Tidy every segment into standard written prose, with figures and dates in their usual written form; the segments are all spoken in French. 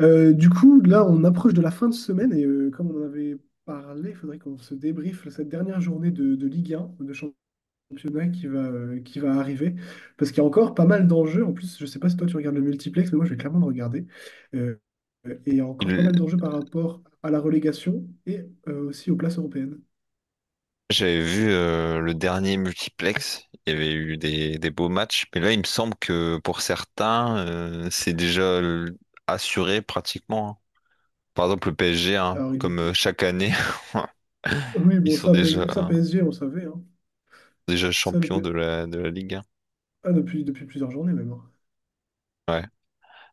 Du coup, là, on approche de la fin de semaine et comme on en avait parlé, il faudrait qu'on se débriefe cette dernière journée de Ligue 1, de championnat qui va arriver. Parce qu'il y a encore pas mal d'enjeux. En plus, je sais pas si toi tu regardes le multiplex, mais moi je vais clairement le regarder. Euh, et il y a encore pas Il- mal d'enjeux par rapport à la relégation et aussi aux places européennes. J'avais vu le dernier multiplex, il y avait eu des beaux matchs, mais là il me semble que pour certains c'est déjà assuré pratiquement, hein. Par exemple le PSG, hein, Alors, il- comme chaque année, oui, ils bon, sont ça, PS- ça PSG, on savait, hein. déjà Ça, le P- champions de de la Ligue 1. ah, depuis, depuis plusieurs journées même, hein. Ouais.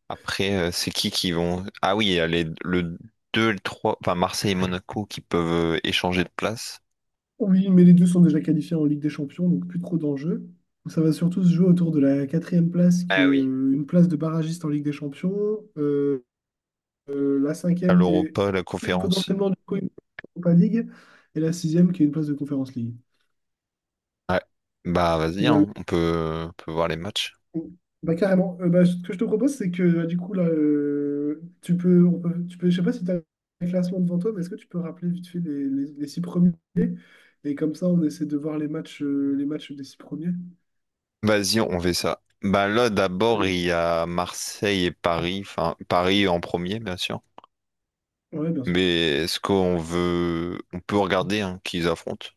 Après c'est qui vont... Ah oui, il y a le 2, le 3, enfin Marseille et Monaco qui peuvent échanger de place. Oui, mais les deux sont déjà qualifiés en Ligue des Champions, donc plus trop d'enjeux. Ça va surtout se jouer autour de la quatrième place, qui Ah est oui. Une place de barragiste en Ligue des Champions, la À cinquième qui est l'Europa, la conférence. potentiellement du coup une Europa League, et la sixième qui est une place de Conference League. Ouais. Bah vas-y, Voilà. hein, on peut voir les matchs. Bah, carrément. Bah, ce que je te propose, c'est que bah, du coup, là, tu peux, je sais pas si tu as un classement devant toi, mais est-ce que tu peux rappeler vite fait les six premiers? Et comme ça, on essaie de voir les matchs des six premiers. Vas-y, on fait ça. Bah là, d'abord, Euh, il y a Marseille et Paris. Enfin, Paris en premier, bien sûr. ouais, bien sûr. Mais est-ce qu'on veut... On peut regarder hein, qui ils affrontent.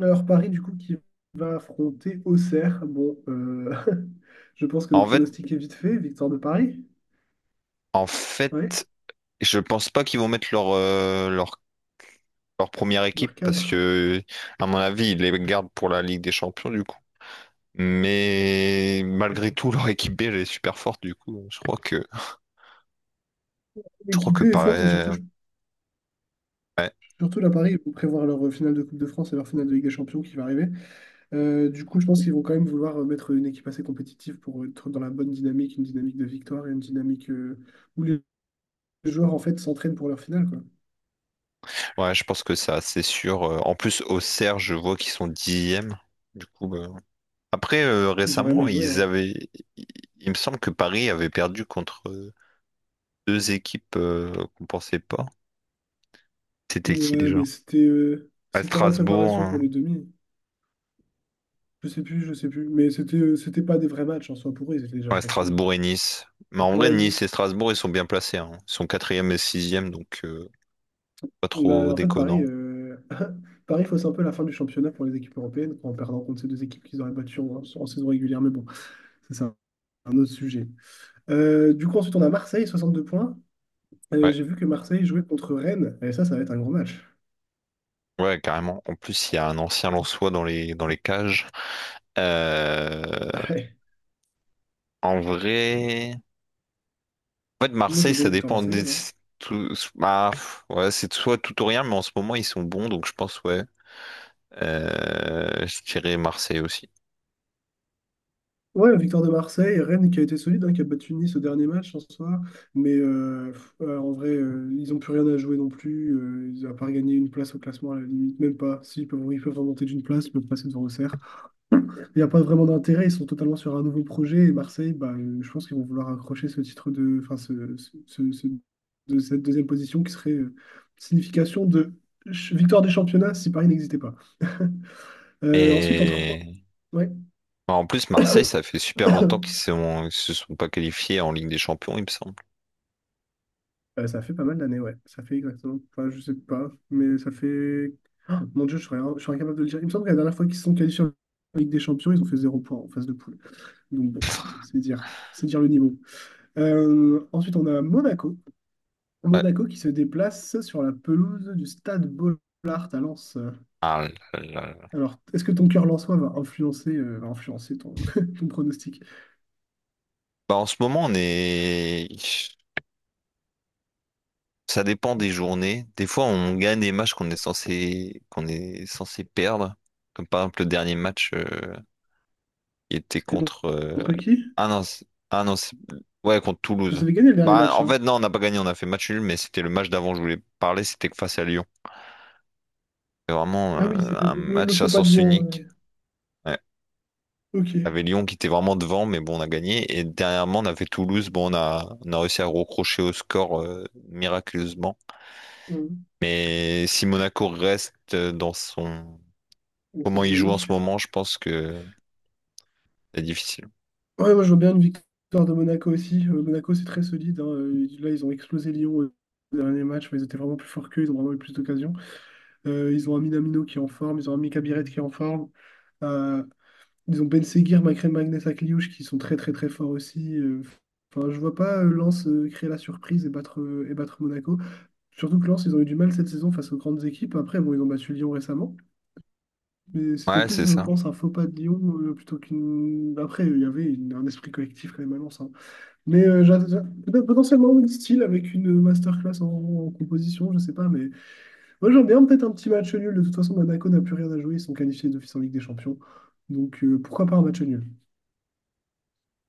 Alors Paris, du coup, qui va affronter Auxerre. Bon, je pense que le En fait, pronostic est vite fait. Victoire de Paris. en Oui, fait, je pense pas qu'ils vont mettre leur leur, première équipe leur parce cadre. que, à mon avis, ils les gardent pour la Ligue des Champions, du coup. Mais malgré tout, leur équipe B, elle est super forte, du coup. Je crois L'équipe que B est forte et surtout, Paris... surtout la Paris, ils vont prévoir leur finale de Coupe de France et leur finale de Ligue des Champions qui va arriver. Du coup, je pense qu'ils vont quand même vouloir mettre une équipe assez compétitive pour être dans la bonne dynamique, une dynamique de victoire et une dynamique où les joueurs en fait s'entraînent pour leur finale, quoi. Ouais, je pense que ça, c'est sûr. En plus, au Serre, je vois qu'ils sont dixièmes. Du coup, bah, après, Ils ont rien à récemment, jouer, ils hein. avaient. Il il me semble que Paris avait perdu contre deux équipes qu'on pensait pas. C'était qui Ouais, mais déjà? À c'était en Strasbourg, préparation hein. pour les demi. Je sais plus, je sais plus. Mais c'était pas des vrais matchs en soi pour eux, ils étaient déjà Ouais, champions. Strasbourg et Nice. Mais en vrai, Ouais, Nice Nice. et Strasbourg, ils sont bien placés, hein. Ils sont quatrième et sixième, donc pas trop Bah, en fait, déconnant. Paris fausse un peu la fin du championnat pour les équipes européennes en perdant contre ces deux équipes qu'ils auraient battues en saison régulière. Mais bon, ça, c'est un autre sujet. Du coup, ensuite, on a Marseille, 62 points. Ouais, J'ai vu que Marseille jouait contre Rennes. Et ça va être un gros match. ouais, carrément. En plus, il y a un ancien Lensois dans les cages. Euh, Ouais. en vrai. En fait, Moi, je Marseille, veux bien ça une victoire dépend des... marseillaise, hein. tout- bah, pff, ouais, c'est soit tout ou rien, mais en ce moment, ils sont bons, donc je pense, ouais. Je dirais Marseille aussi. Ouais, victoire de Marseille, Rennes qui a été solide, hein, qui a battu Nice au dernier match en soi, mais en vrai, ils n'ont plus rien à jouer non plus, ils n'ont pas gagné une place au classement à la limite, même pas, ils peuvent remonter d'une place, ils peuvent passer devant Auxerre. Il n'y a pas vraiment d'intérêt, ils sont totalement sur un nouveau projet, et Marseille, bah, je pense qu'ils vont vouloir accrocher ce titre de, enfin, de cette deuxième position qui serait signification de victoire des championnats si Paris n'existait pas. Ensuite, en trois... Et Ouais. bah, en plus, Marseille, ça fait super longtemps qu'ils sont... ils se sont pas qualifiés en Ligue des Champions, il me semble. Ça fait pas mal d'années, ouais. Ça fait exactement. Enfin, je sais pas, mais ça fait. Ah, mon Dieu, je serais incapable de le dire. Il me semble que la dernière fois qu'ils se sont qualifiés en Ligue des Champions, ils ont fait zéro point en phase de poule. Donc, bon, c'est dire le niveau. Ensuite, on a Monaco. Ouais. Monaco qui se déplace sur la pelouse du Stade Bollard à Lens. Ah là là là. Alors, est-ce que ton cœur lensois va influencer ton, ton pronostic? Bah, en ce moment, on est... Ça dépend des journées. Des fois, on gagne des matchs qu'on est censé perdre, comme par exemple le dernier match. Il était C'était con- contre. Contre qui? Ah non, c'est- ouais, contre Vous Toulouse. avez gagné le dernier Bah, match, en hein? fait, non, on n'a pas gagné, on a fait match nul, mais c'était le match d'avant je voulais parler, c'était face à Lyon. C'était vraiment Ah oui, c'est le, un le- le match à faux pas de sens Lyon. unique. Ouais. Il y avait Ok. Lyon qui était vraiment devant, mais bon, on a gagné. Et dernièrement, on avait Toulouse, bon, on a réussi à recrocher au score miraculeusement. Mais si Monaco reste dans son. Dans cette Comment il joue en dynamique. ce moment, je pense que c'est difficile. Ouais, moi je vois bien une victoire de Monaco aussi. Monaco c'est très solide, hein. Là ils ont explosé Lyon au dernier match, mais ils étaient vraiment plus forts qu'eux, ils ont vraiment eu plus d'occasions. Ils ont un Minamino qui est en forme, ils ont un Mika Biret qui est en forme. Euh, Ils ont Ben Seguir, Makrem Magnus Akliouche qui sont très très très forts aussi. Enfin, je vois pas Lens créer la surprise et battre Monaco. Surtout que Lens, ils ont eu du mal cette saison face aux grandes équipes. Après, bon, ils ont battu Lyon récemment. Mais c'était Ouais, plus, c'est je ça. pense, un faux pas de Lyon plutôt qu'une. Après, il y avait un esprit collectif quand même à Lens, hein. Mais peut-être potentiellement une style avec une masterclass en composition, je sais pas. Mais moi, j'aime bien peut-être un petit match nul. De toute façon, Monaco n'a plus rien à jouer. Ils sont qualifiés d'office en Ligue des Champions. Donc, pourquoi pas un match nul?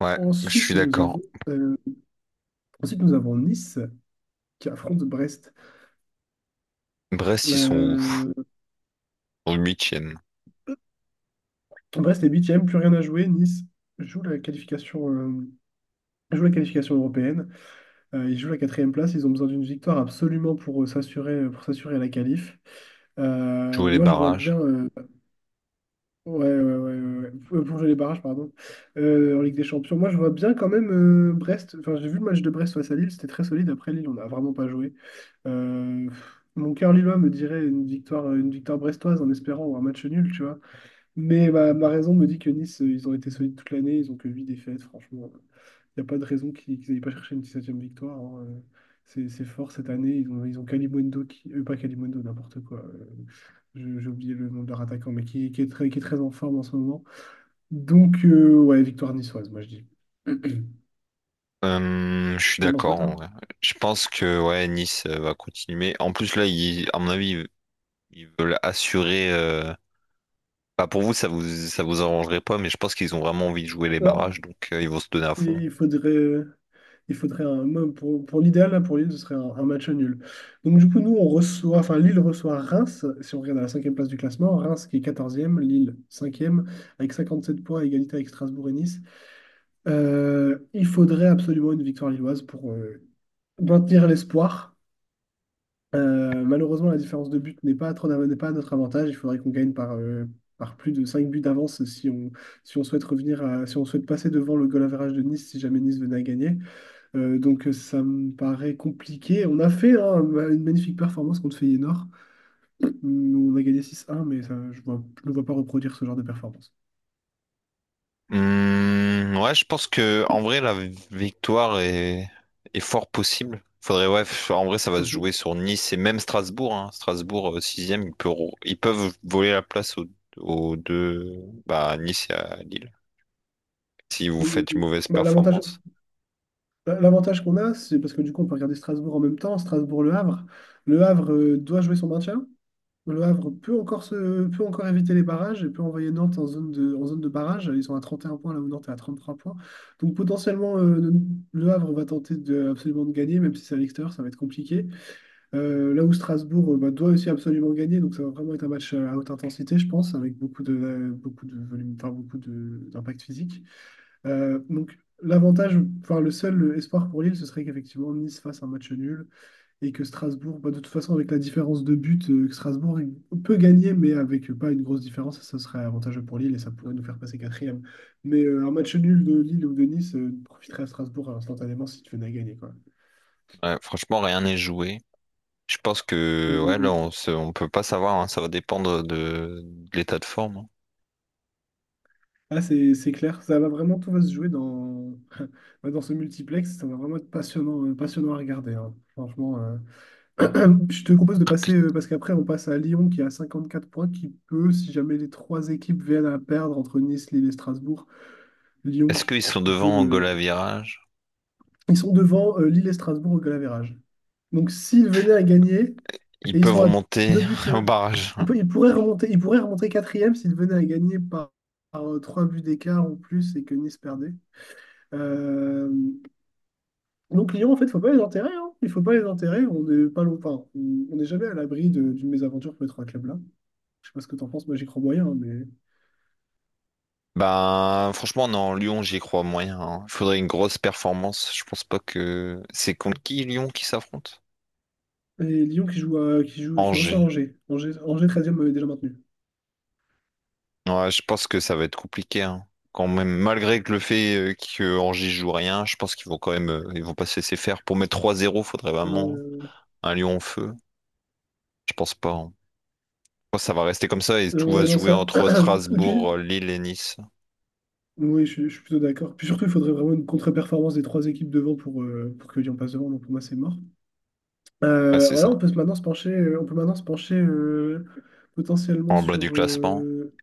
Ouais, je suis Ensuite, nous d'accord. avons, euh, ensuite, nous avons Nice qui affronte Brest. Brest, ils sont où? Euh, Ils sont huitièmes. Brest est huitième, plus rien à jouer. Nice joue la qualification, euh, joue la qualification européenne. Ils jouent la quatrième place. Ils ont besoin d'une victoire absolument pour s'assurer la qualif. Jouer les Moi, je vois barrages. bien. Ouais, ouais, ouais, ouais, ouais. Pour jouer les barrages, pardon. En Ligue des Champions, moi, je vois bien quand même Brest. Enfin, j'ai vu le match de Brest face à Lille. C'était très solide. Après Lille, on n'a vraiment pas joué. Mon cœur lillois me dirait une victoire brestoise en espérant un match nul, tu vois. Mais ma raison me dit que Nice, ils ont été solides toute l'année. Ils ont que 8 défaites, franchement. Il n'y a pas de raison qu'ils n'aillent pas chercher une 17e victoire, hein. C'est fort cette année. Ils ont Kalimundo qui. Pas Kalimundo, n'importe quoi. J'ai oublié le nom de leur attaquant, mais qui est très en forme en ce moment. Donc, ouais, victoire niçoise, moi je dis. Je suis T'en penses quoi, d'accord en toi? vrai. Je pense que ouais, Nice va continuer. En plus là, à mon avis, ils veulent assurer. Bah, pour vous, ça vous arrangerait pas, mais je pense qu'ils ont vraiment envie de jouer les barrages, Non. donc ils vont se donner à Il fond. il faudrait, il faudrait un, moi, pour l'idéal, là, pour Lille, ce serait un match nul. Donc, du coup, nous, on reçoit, enfin, Lille reçoit Reims, si on regarde à la cinquième place du classement, Reims qui est quatorzième Lille cinquième avec 57 points, à égalité avec Strasbourg et Nice. Il faudrait absolument une victoire lilloise pour maintenir l'espoir. Malheureusement, la différence de but n'est pas à notre avantage. Il faudrait qu'on gagne par plus de 5 buts d'avance si on, si on souhaite revenir à- si on souhaite passer devant le goal average de Nice si jamais Nice venait à gagner. Donc, ça me paraît compliqué. On a fait, hein, une magnifique performance contre Feyenoord. On a gagné 6-1, mais ça, je ne vois pas reproduire ce genre de performance. Ouais, je pense que en vrai la victoire est fort possible. Faudrait ouais, en vrai ça va se jouer Mhm. sur Nice et même Strasbourg. Hein. Strasbourg sixième, ils peuvent voler la place aux deux bah à Nice et à Lille, si vous faites une Mhm. mauvaise Bah, l'avantage, performance. Bah, l'avantage qu'on a, c'est parce que du coup, on peut regarder Strasbourg en même temps, Strasbourg-Le Havre. Le Havre doit jouer son maintien. Le Havre peut encore éviter les barrages et peut envoyer Nantes en zone de barrage. Ils sont à 31 points là où Nantes est à 33 points. Donc potentiellement, le Havre va tenter absolument de gagner, même si c'est à l'extérieur, ça va être compliqué. Là où Strasbourg bah, doit aussi absolument gagner, donc ça va vraiment être un match à haute intensité, je pense, avec beaucoup de volume, enfin, d'impact physique. Donc, l'avantage, enfin, le seul espoir pour Lille, ce serait qu'effectivement Nice fasse un match nul et que Strasbourg, bah, de toute façon, avec la différence de but, que Strasbourg il peut gagner, mais avec pas une grosse différence, ça serait avantageux pour Lille et ça pourrait nous faire passer quatrième. Mais un match nul de Lille ou de Nice profiterait à Strasbourg instantanément si tu venais à gagner, quoi. Ouais, franchement, rien n'est joué. Je pense Hum, que hum, ouais, là, hum. On peut pas savoir, hein, ça va dépendre de l'état de forme, hein. Ah, c'est clair, tout va se jouer bah, dans ce multiplex, ça va vraiment être passionnant à regarder, hein. Franchement. Je te propose de passer, parce qu'après on passe à Lyon qui a 54 points, qui peut, si jamais les trois équipes viennent à perdre entre Nice, Lille et Strasbourg, Lyon Est-ce qui, qu'ils sont qui peut... devant au goal à euh, virage? Ils sont devant Lille et Strasbourg au goal average. Donc s'ils venaient à gagner, Ils et ils peuvent sont à remonter deux buts, au barrage. Ils pourraient remonter quatrième s'ils venaient à gagner trois buts d'écart ou plus et que Nice perdait. Euh, donc Lyon, en fait, il ne faut pas les enterrer, hein. Il ne faut pas les enterrer. On n'est pas loin- Enfin, on n'est jamais à l'abri d'une mésaventure pour les trois clubs-là. Je sais pas ce que t'en penses, moi j'y crois moyen, hein, mais. Ben, franchement, non, Lyon, j'y crois moyen, hein. Il faudrait une grosse performance. Je pense pas que. C'est contre qui Lyon qui s'affronte? Et Lyon qui joue à- qui joue, qui reçoit Angers. Angers. Angers 13 m'avait déjà maintenu. Ouais, je pense que ça va être compliqué, hein. Quand même, malgré que le fait que Angers joue rien, je pense qu'ils vont quand même, ils vont pas se laisser faire. Pour mettre 3-0, faudrait vraiment Euh, un Lyon en feu. Je pense pas, hein. Je pense que ça va rester comme ça et tout va ouais, se non, jouer ça. entre Et puis, Strasbourg, Lille et Nice. oui, je suis plutôt d'accord. Puis surtout, il faudrait vraiment une contre-performance des trois équipes devant pour que Lyon passe devant. Donc pour moi, c'est mort. Ouais, c'est Voilà, ça. On peut maintenant se pencher potentiellement En bas du classement.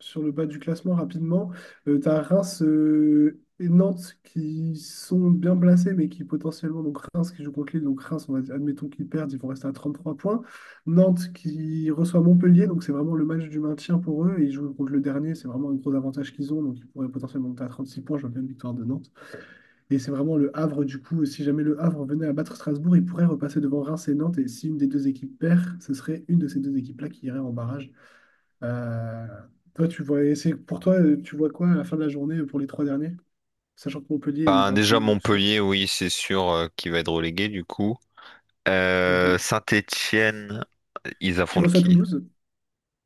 sur le bas du classement rapidement. Tu Reims et Nantes qui sont bien placés, mais qui potentiellement, donc Reims qui joue contre Lille, donc Reims, admettons qu'ils perdent, ils vont rester à 33 points. Nantes qui reçoit Montpellier, donc c'est vraiment le match du maintien pour eux, et ils jouent contre le dernier, c'est vraiment un gros avantage qu'ils ont, donc ils pourraient potentiellement monter à 36 points, je vois bien une victoire de Nantes. Et c'est vraiment le Havre, du coup, si jamais le Havre venait à battre Strasbourg, il pourrait repasser devant Reims et Nantes, et si une des deux équipes perd, ce serait une de ces deux équipes-là qui irait en barrage. Euh, Toi, tu vois quoi à la fin de la journée pour les trois derniers, sachant que Montpellier est Ben, déjà 20 sûr. Montpellier, oui, c'est sûr, qu'il va être relégué du coup. Euh, Saint-Étienne, ils Qui affrontent reçoit qui? Toulouse?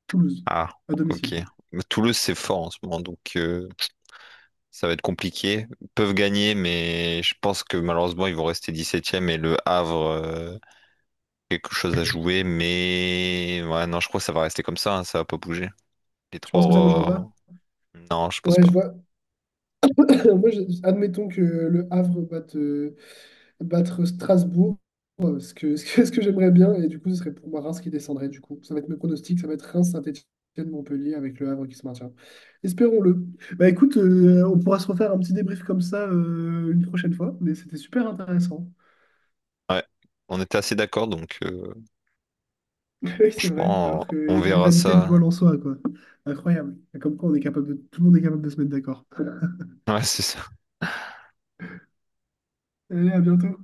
Toulouse, Ah, à ok. domicile. Mais Toulouse, c'est fort en ce moment, donc ça va être compliqué. Ils peuvent gagner, mais je pense que malheureusement, ils vont rester dix-septième, et le Havre, quelque chose à jouer. Mais ouais, non, je crois que ça va rester comme ça, hein, ça va pas bouger. Les Tu penses que ça bougera pas? trois, non, je pense Ouais, pas. je vois. Admettons que le Havre battre Strasbourg, ce que, ce que j'aimerais bien. Et du coup, ce serait pour moi Reims qui descendrait. Du coup, ça va être mes pronostics. Ça va être Reims, Saint-Étienne, Montpellier avec le Havre qui se maintient. Espérons-le. Bah écoute, on pourra se refaire un petit débrief comme ça une prochaine fois. Mais c'était super intéressant. Ouais, on était assez d'accord, donc Oui, c'est vrai. franchement, Alors qu'il y a on une verra rivalité ça. lillois-lensois, quoi. Incroyable. Comme quoi, on est capable de... tout le monde est capable de se mettre d'accord. Ouais, c'est ça. Allez, à bientôt.